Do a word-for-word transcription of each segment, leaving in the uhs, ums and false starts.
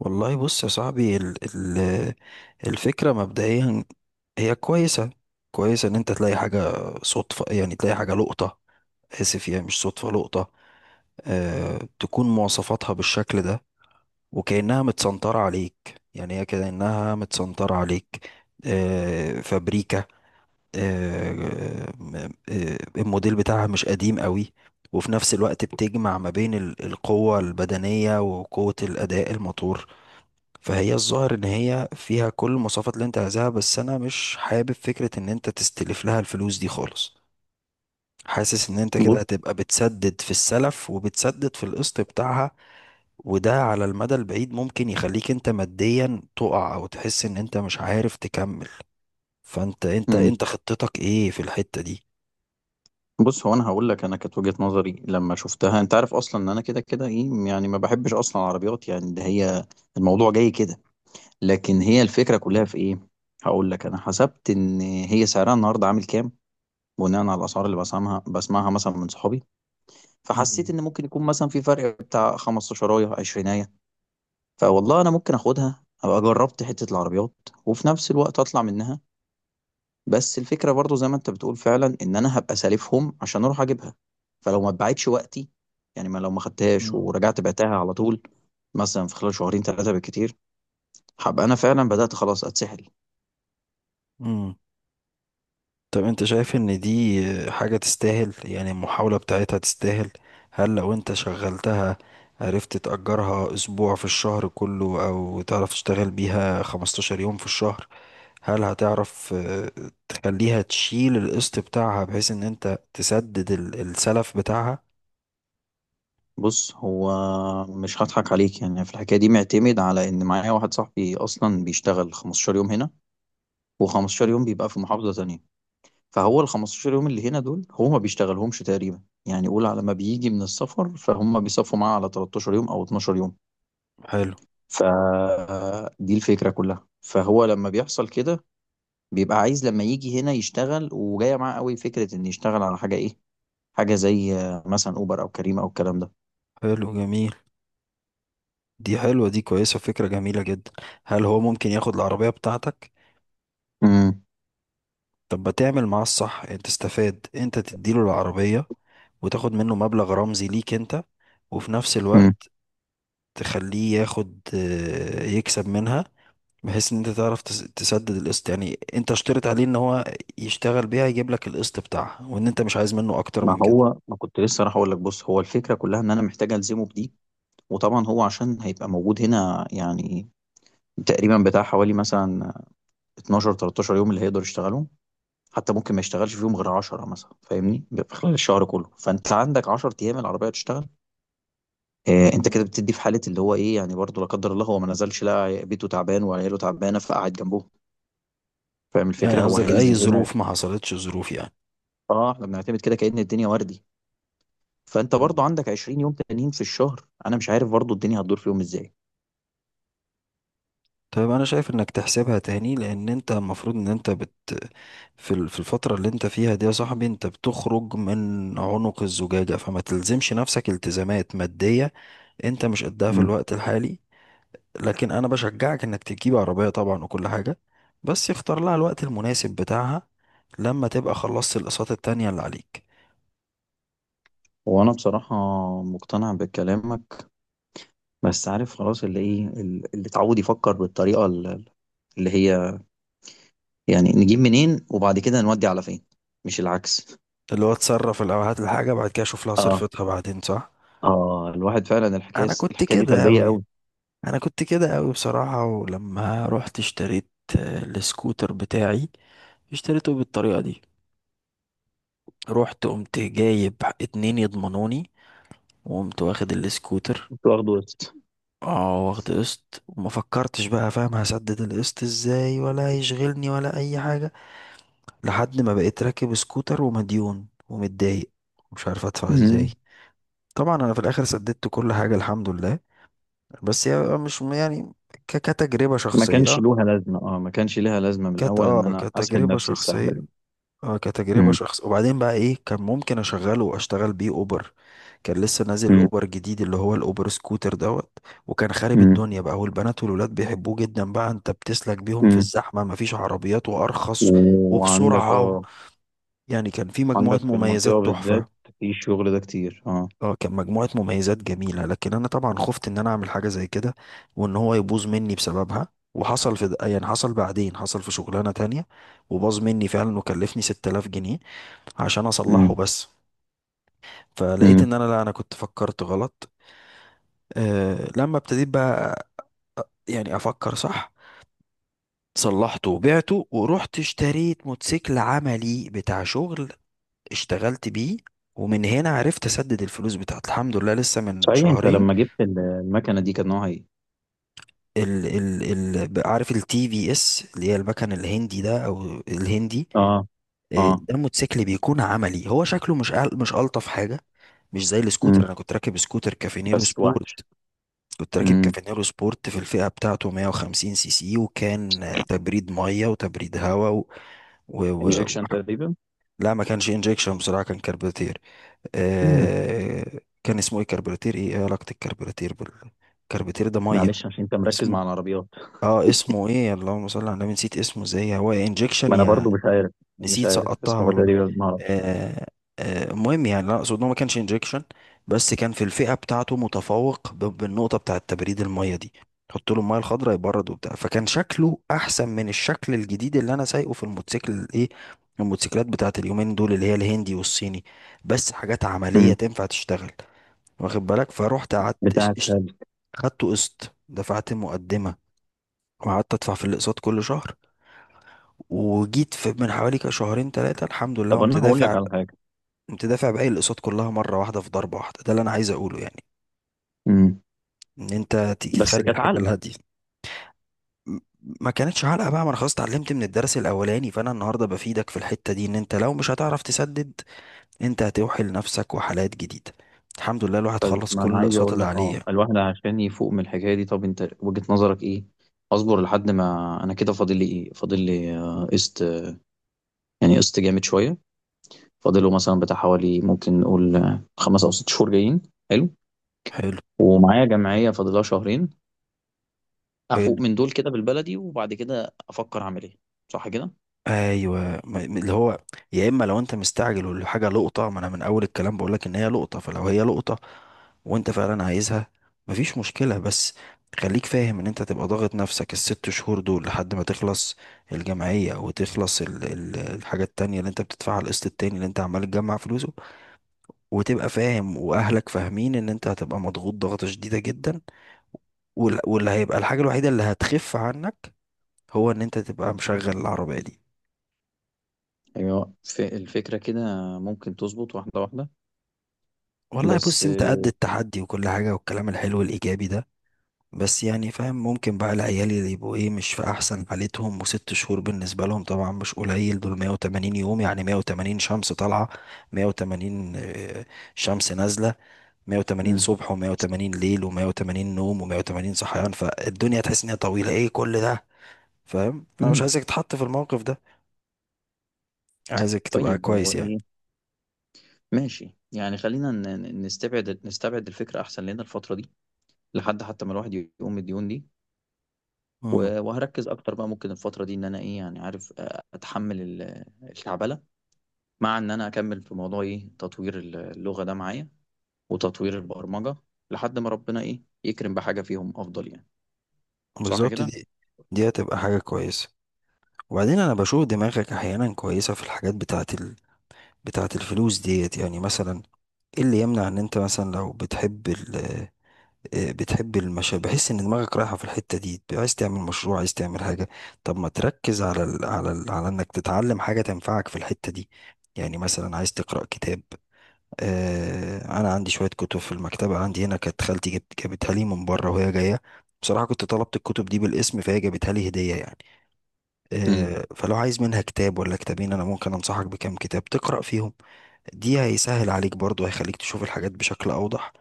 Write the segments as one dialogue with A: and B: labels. A: والله، بص يا صاحبي، ال ال الفكرة مبدئيا هي كويسة. كويسة ان انت تلاقي حاجة صدفة، يعني تلاقي حاجة لقطة. اسف، يعني مش صدفة لقطة. أه تكون مواصفاتها بالشكل ده، وكأنها متسنطرة عليك، يعني هي كأنها متسنطرة عليك. أه فابريكا. أه م- آه، الموديل بتاعها مش قديم قوي، وفي نفس الوقت بتجمع ما بين ال- القوة البدنية وقوة الأداء الموتور. فهي الظاهر ان هي فيها كل المواصفات اللي انت عايزها، بس انا مش حابب فكرة ان انت تستلف لها الفلوس دي خالص. حاسس ان انت كده
B: بص.
A: هتبقى بتسدد في السلف وبتسدد في القسط بتاعها، وده على المدى البعيد ممكن يخليك انت ماديا تقع او تحس ان انت مش عارف تكمل. فانت انت
B: مم.
A: انت خطتك ايه في الحتة دي؟
B: بص، هو انا هقول لك انا كانت وجهة نظري لما شفتها انت عارف اصلا ان انا كده كده ايه يعني ما بحبش اصلا العربيات يعني ده هي الموضوع جاي كده. لكن هي
A: مم.
B: الفكرة كلها في ايه؟ هقول لك انا حسبت ان هي سعرها النهارده عامل كام بناء على الاسعار اللي بسمعها بسمعها مثلا من صحابي. فحسيت
A: مم.
B: ان ممكن يكون مثلا في فرق بتاع خمسة عشر عشرين. فوالله انا ممكن اخدها ابقى جربت حتة العربيات، وفي نفس الوقت اطلع منها. بس الفكرة برضو زي ما انت بتقول فعلا ان انا هبقى سالفهم عشان اروح اجيبها، فلو ما اتباعتش وقتي، يعني ما لو ما خدتهاش
A: مم.
B: ورجعت بعتها على طول مثلا في خلال شهرين ثلاثة بالكتير، هبقى انا فعلا بدأت خلاص اتسحل.
A: مم. مم. طب انت شايف ان دي حاجة تستاهل؟ يعني المحاولة بتاعتها تستاهل؟ هل لو انت شغلتها عرفت تأجرها اسبوع في الشهر كله، او تعرف تشتغل بيها 15 يوم في الشهر؟ هل هتعرف اه، تخليها تشيل القسط بتاعها، بحيث ان انت تسدد ال- السلف بتاعها؟
B: بص، هو مش هضحك عليك يعني في الحكاية دي، معتمد على ان معايا واحد صاحبي اصلا بيشتغل خمستاشر يوم هنا و15
A: مم.
B: يوم بيبقى في محافظة تانية. فهو ال خمسة عشر يوم اللي هنا دول هو ما بيشتغلهمش تقريبا. يعني قول على ما بيجي من السفر فهم بيصفوا معاه على تلتاشر يوم او اتناشر يوم.
A: حلو.
B: فدي الفكرة كلها. فهو لما بيحصل كده بيبقى عايز لما يجي هنا يشتغل، وجاية معاه قوي فكرة ان يشتغل على حاجة ايه، حاجة زي آه، مثلا اوبر او كريم او الكلام ده.
A: حلو جميل، دي حلوة، دي كويسة، فكرة جميلة جدا. هل هو ممكن ياخد العربية بتاعتك؟
B: امم.
A: طب ما تعمل معاه الصح، انت تستفاد، انت تديله العربية وتاخد منه مبلغ رمزي ليك انت، وفي نفس
B: امم.
A: الوقت تخليه ياخد آه، يكسب منها، بحيث ان انت تعرف تس- تسدد القسط. يعني انت اشترط عليه ان هو يشتغل بيها يجيب لك القسط بتاعها، وان انت مش عايز منه اكتر
B: ما
A: من كده.
B: هو ما كنت لسه راح اقول لك بص، هو الفكرة كلها ان انا محتاج الزمه بدي، وطبعا هو عشان هيبقى موجود هنا يعني تقريبا بتاع حوالي مثلا اتناشر تلتاشر يوم اللي هيقدر يشتغلهم. حتى ممكن ما يشتغلش فيهم غير عشرة مثلا، فاهمني؟ في خلال الشهر كله فانت عندك عشر ايام العربية تشتغل. آآ أنت كده
A: مم.
B: بتدّي في حالة اللي هو إيه، يعني برضه لا قدّر الله هو ما نزلش، لقى بيته تعبان وعياله تعبانة فقعد جنبهم. فاهم الفكرة؟
A: يعني
B: هو إمم.
A: قصدك اي
B: هينزل هنا.
A: ظروف، ما حصلتش ظروف يعني؟
B: آه، إحنا بنعتمد كده كأن الدنيا وردي، فأنت برضه عندك عشرين يوم تانيين في الشهر، أنا مش عارف برضه الدنيا هتدور فيهم إزاي.
A: طيب انا شايف انك تحسبها تاني، لان انت المفروض ان انت بت في ال- في الفترة اللي انت فيها دي، يا صاحبي، انت بتخرج من عنق الزجاجة، فما تلزمش نفسك التزامات مادية انت مش قدها في
B: إمم.
A: الوقت الحالي. لكن انا بشجعك انك تجيب عربية طبعا وكل حاجة، بس اختار لها الوقت المناسب بتاعها، لما تبقى خلصت الاقساط التانية اللي عليك.
B: هو أنا بصراحة مقتنع بكلامك، بس عارف خلاص اللي إيه، ال اللي اتعوّد يفكّر بالطريقة ال اللي هي يعني نجيب منين وبعد كده نودّي على فين، مش العكس.
A: اللي هو تصرف الاول، هات الحاجة، بعد كده شوف لها
B: آه،
A: صرفتها بعدين، صح.
B: آه، الواحد فعلًا الحكاية
A: انا كنت
B: الحكاية دي
A: كده
B: سلبية
A: اوي،
B: أوي.
A: انا كنت كده قوي بصراحة. ولما رحت اشتريت آه، السكوتر بتاعي، اشتريته بالطريقة دي. رحت قمت جايب اتنين يضمنوني، وقمت واخد السكوتر.
B: كنت واخده.
A: اه، واخد قسط وما فكرتش، بقى فاهم هسدد القسط ازاي، ولا هيشغلني، ولا اي حاجة. لحد ما بقيت راكب سكوتر ومديون ومتضايق، مش عارف ادفع ازاي.
B: مم.
A: طبعا انا في الاخر سددت كل حاجة الحمد لله. بس هي مش يعني ك- كتجربة
B: ما كانش
A: شخصية.
B: لوها لازمة، اه، ما كانش ليها لازمة من
A: كانت
B: الأول إن
A: اه
B: أنا أسحل
A: كتجربة
B: نفسي السحلة
A: شخصية.
B: دي.
A: اه كتجربة
B: مم.
A: شخص، وبعدين بقى ايه، كان ممكن اشغله واشتغل بيه اوبر. كان لسه نازل
B: مم.
A: الاوبر جديد، اللي هو الاوبر سكوتر دوت، وكان خارب
B: مم.
A: الدنيا بقى، والبنات والولاد بيحبوه جدا بقى، انت بتسلك بيهم في
B: مم.
A: الزحمة، مفيش عربيات، وارخص،
B: وعندك
A: وبسرعة، و...
B: اه
A: يعني كان في مجموعة
B: عندك في المنطقة
A: مميزات
B: بالذات
A: تحفة.
B: في الشغل ده كتير، اه.
A: اه، كان مجموعة مميزات جميلة، لكن انا طبعا خفت ان انا اعمل حاجة زي كده وان هو يبوظ مني بسببها. وحصل في د- يعني حصل بعدين، حصل في شغلانة تانية، وباظ مني فعلا، وكلفني ست تلاف جنيه عشان اصلحه
B: مم.
A: بس. فلقيت
B: مم.
A: ان انا لا، انا كنت فكرت غلط. أه لما ابتديت بقى يعني افكر صح، صلحته وبعته ورحت اشتريت موتوسيكل عملي بتاع شغل، اشتغلت بيه، ومن هنا عرفت اسدد الفلوس بتاعت الحمد لله لسه من
B: صحيح أنت
A: شهرين.
B: لما جبت ال- المكنة دي كان نوعها إيه؟
A: ال ال ال عارف التي في اس، اللي هي المكن الهندي ده او الهندي.
B: اه.
A: آه،
B: اه.
A: ده موتوسيكل بيكون عملي، هو شكله مش أل- مش الطف حاجه، مش زي
B: مم.
A: السكوتر. انا كنت راكب سكوتر كافينيرو
B: بس
A: سبورت.
B: وحش.
A: كنت راكب
B: مم.
A: كافينيرو سبورت في الفئه بتاعته 150 سي سي، وكان آه، تبريد ميه وتبريد هواء و... و... و... و...
B: انجكشن تقريبا.
A: لا، ما كانش انجكشن بصراحه، كان كربوراتير.
B: مم.
A: آه... كان اسمه ايه كربوراتير؟ ايه، إيه علاقه الكربوراتير بال الكربوراتير ده ميه؟
B: معلش عشان أنت مركز
A: اسمه
B: مع العربيات.
A: اه اسمه ايه؟ اللهم صل على النبي، نسيت اسمه ازاي. هو انجكشن
B: ما أنا
A: يا...
B: برضو مش عارف. مش
A: نسيت
B: عارف بس
A: سقطتها
B: هما
A: والله.
B: تقريبا ما أعرفش.
A: آه آه المهم، يعني لا اقصد إن هو ما كانش انجكشن، بس كان في الفئه بتاعته متفوق ب- بالنقطه بتاعه تبريد الميه دي. حط له الميه الخضراء يبرد وبتاع، فكان شكله احسن من الشكل الجديد اللي انا سايقه، في الموتوسيكل ايه، الموتوسيكلات بتاعه اليومين دول، اللي هي الهندي والصيني، بس حاجات عمليه
B: مم.
A: تنفع تشتغل. واخد بالك؟ فروحت قعدت اش-
B: بتاعت
A: اش-
B: هذا.
A: خدته قسط، دفعت مقدمه، وقعدت ادفع في الاقساط كل شهر، وجيت في من حوالي كده شهرين ثلاثه الحمد لله
B: طب
A: قمت
B: أنا هقول لك
A: دافع.
B: على حاجة.
A: قمت دافع باقي الاقساط كلها مره واحده، في ضربه واحده. ده اللي انا عايز اقوله يعني،
B: مم.
A: ان انت تيجي
B: بس
A: تخلي
B: كانت
A: الحاجه
B: علقة.
A: الهاديه. م- ما كانتش علقه بقى، ما انا خلاص اتعلمت من الدرس الاولاني. فانا النهارده بفيدك في الحته دي، ان انت لو مش هتعرف تسدد، انت هتوحي لنفسك وحالات جديده. الحمد لله الواحد
B: طيب،
A: خلص
B: ما
A: كل
B: انا عايز
A: الاقساط
B: اقول
A: اللي
B: لك
A: عليه
B: اه،
A: يعني.
B: الواحد عشان يفوق من الحكايه دي، طب انت وجهه نظرك ايه؟ اصبر لحد ما انا كده فاضل لي ايه؟ فاضل لي آه، قسط، يعني قسط جامد شويه، فاضله مثلا بتاع حوالي ممكن نقول آه، خمس او ست شهور جايين. حلو.
A: حلو.
B: ومعايا جمعيه فاضلها شهرين. افوق
A: حلو.
B: من دول كده بالبلدي وبعد كده افكر اعمل ايه. صح كده؟
A: ايوه، ما- اللي هو، يا اما لو انت مستعجل والحاجه لقطه، ما انا من اول الكلام بقول لك ان هي لقطه، فلو هي لقطه وانت فعلا عايزها، مفيش مشكله، بس خليك فاهم ان انت تبقى ضاغط نفسك الست شهور دول لحد ما تخلص الجمعيه، وتخلص ال ال الحاجه التانية اللي انت بتدفعها، القسط التاني اللي انت عمال تجمع فلوسه، وتبقى فاهم، واهلك فاهمين، ان انت هتبقى مضغوط ضغطه شديده جدا. وال- واللي هيبقى الحاجه الوحيده اللي هتخف عنك هو ان انت تبقى مشغل العربيه دي.
B: ايوه. ف- الفكره كده ممكن تظبط واحده واحده،
A: والله،
B: بس
A: بص انت قد
B: آه،
A: التحدي وكل حاجة والكلام الحلو الإيجابي ده، بس يعني فاهم، ممكن بقى العيال اللي يبقوا ايه مش في أحسن حالتهم، وست شهور بالنسبة لهم طبعا مش قليل، دول 180 يوم، يعني 180 شمس طالعة، مية وتمانين آه، شمس نازلة، 180
B: مم.
A: صبح و180 ليل و180 نوم و180 صحيان. فالدنيا تحس ان هي طويلة ايه كل ده، فاهم؟ فأنا مش
B: مم.
A: عايزك تتحط في الموقف ده، عايزك تبقى
B: طيب هو
A: كويس يعني.
B: ايه؟ ماشي يعني خلينا ن- ن- نستبعد نستبعد الفكرة أحسن لنا الفترة دي لحد حتى ما الواحد يقوم من الديون دي.
A: امم.
B: و- وهركز أكتر بقى ممكن الفترة دي إن أنا إيه يعني عارف آه، أتحمل ال- الكعبلة، مع إن أنا أكمل في موضوع إيه تطوير اللغة ده معايا وتطوير البرمجة لحد ما ربنا إيه يكرم بحاجة فيهم أفضل يعني. صح
A: بالظبط،
B: كده؟
A: دي دي هتبقى حاجة كويسة. وبعدين انا بشوف دماغك احيانا كويسه في الحاجات بتاعت ال... بتاعت الفلوس ديت. يعني مثلا، ايه اللي يمنع ان انت مثلا لو بتحب ال... آه، بتحب المشاريع، بحس ان دماغك رايحه في الحته دي، عايز تعمل مشروع، عايز تعمل حاجه؟ طب ما تركز على ال... على ال... على انك تتعلم حاجه تنفعك في الحته دي. يعني مثلا عايز تقرا كتاب؟ آه... انا عندي شويه كتب في المكتبه عندي هنا، كانت خالتي جبت جابتها لي من بره وهي جايه، بصراحه كنت طلبت الكتب دي بالاسم فهي جابتها لي هديه يعني.
B: امم.
A: آه، فلو عايز منها كتاب ولا كتابين، انا ممكن انصحك بكام كتاب تقرأ فيهم. دي هيسهل عليك برضو، هيخليك تشوف الحاجات بشكل اوضح،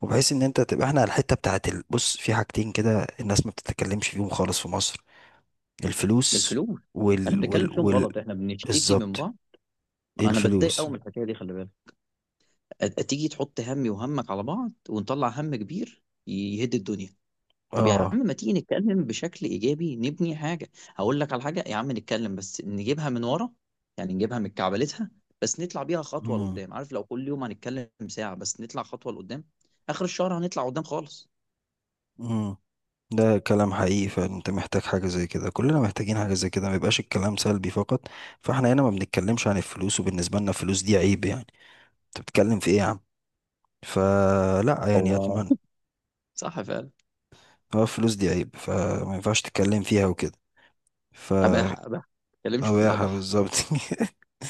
A: وبحيث ان انت تبقى... احنا على الحتة بتاعت ال- بص، في حاجتين كده الناس ما بتتكلمش فيهم خالص في مصر: الفلوس،
B: الفلوس. احنا
A: وال
B: بنتكلم
A: وال
B: فيهم
A: وال
B: غلط. احنا بنشتكي من
A: بالظبط
B: بعض. انا بتضايق
A: الفلوس،
B: قوي من الحكايه دي، خلي بالك. أت- تيجي تحط همي وهمك على بعض ونطلع هم كبير يهد الدنيا. طب يا
A: اه.
B: عم ما تيجي نتكلم بشكل ايجابي، نبني حاجه. هقول لك على حاجه يا عم، نتكلم بس نجيبها من ورا، يعني نجيبها من كعبلتها، بس نطلع بيها خطوه
A: مم.
B: لقدام. عارف لو كل يوم هنتكلم ساعه بس نطلع خطوه لقدام، اخر الشهر هنطلع قدام خالص.
A: مم. ده كلام حقيقي، فانت محتاج حاجة زي كده، كلنا محتاجين حاجة زي كده، ما يبقاش الكلام سلبي فقط. فاحنا هنا ما بنتكلمش عن الفلوس، وبالنسبة لنا الفلوس دي عيب يعني. انت بتتكلم في ايه يا عم؟ فلا، يعني
B: هو
A: اتمنى،
B: صح فعلا.
A: هو الفلوس دي عيب فما ينفعش تتكلم فيها وكده. ف
B: اباحه، اباحه، ما تتكلمش في
A: قباحة
B: الاباحه.
A: بالظبط.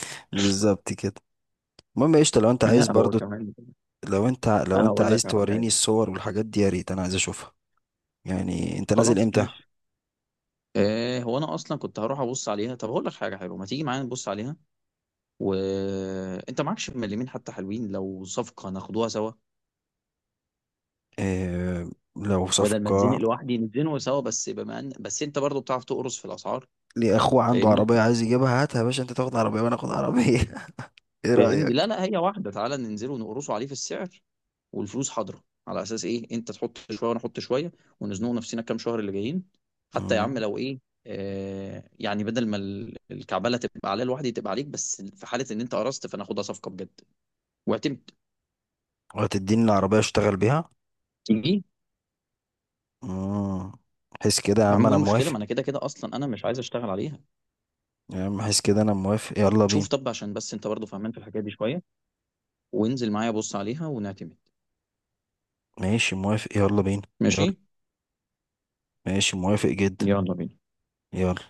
A: بالظبط كده. المهم يا قشطة، لو انت عايز
B: لا، هو
A: برضو،
B: كمان
A: لو انت لو
B: انا
A: انت
B: اقول
A: عايز
B: لك على
A: توريني
B: حاجه.
A: الصور والحاجات دي يا ريت، انا عايز اشوفها. يعني انت نازل
B: خلاص
A: امتى؟
B: ماشي. إيه هو، انا اصلا كنت هروح ابص عليها. طب هقول لك حاجه حلوه، ما تيجي معايا نبص عليها، وانت معكش مليمين حتى حلوين، لو صفقه ناخدوها سوا.
A: اه، لو
B: بدل ما اتزنق
A: صفقة،
B: لوحدي نتزنقوا سوا، بس بما ان بس انت برضو بتعرف تقرص في الاسعار.
A: ليه اخوه عنده
B: فاهمني؟
A: عربية عايز يجيبها، هاتها يا باشا، انت تاخد عربية وانا اخد عربية. ايه
B: فاهمني، لا
A: رأيك؟
B: لا، هي واحده، تعالى ننزل ونقرصوا عليه في السعر والفلوس حاضره، على اساس ايه انت تحط شويه وانا احط شويه، ونزنقوا نفسنا كام شهر اللي جايين. حتى يا عم
A: مم.
B: لو ايه، آه يعني بدل ما ال- الكعبله تبقى عليا لوحدي تبقى عليك، بس في حاله ان انت قرصت فانا اخدها صفقه بجد، واعتمد.
A: وهتديني العربية اشتغل بيها؟
B: تيجي.
A: مم. حس كده يا
B: يا
A: عم،
B: عم ايه
A: انا
B: المشكله ما
A: موافق.
B: انا كده كده اصلا انا مش عايز اشتغل عليها.
A: يا عم حس كده، انا موافق، يلا بينا.
B: شوف طب عشان بس انت برضو فهمان في الحكايه دي شويه، وانزل معايا بص عليها ونعتمد.
A: ماشي، موافق، يلا بينا. يلا.
B: ماشي،
A: ماشي، موافق جدا.
B: يلا بينا.
A: يلا.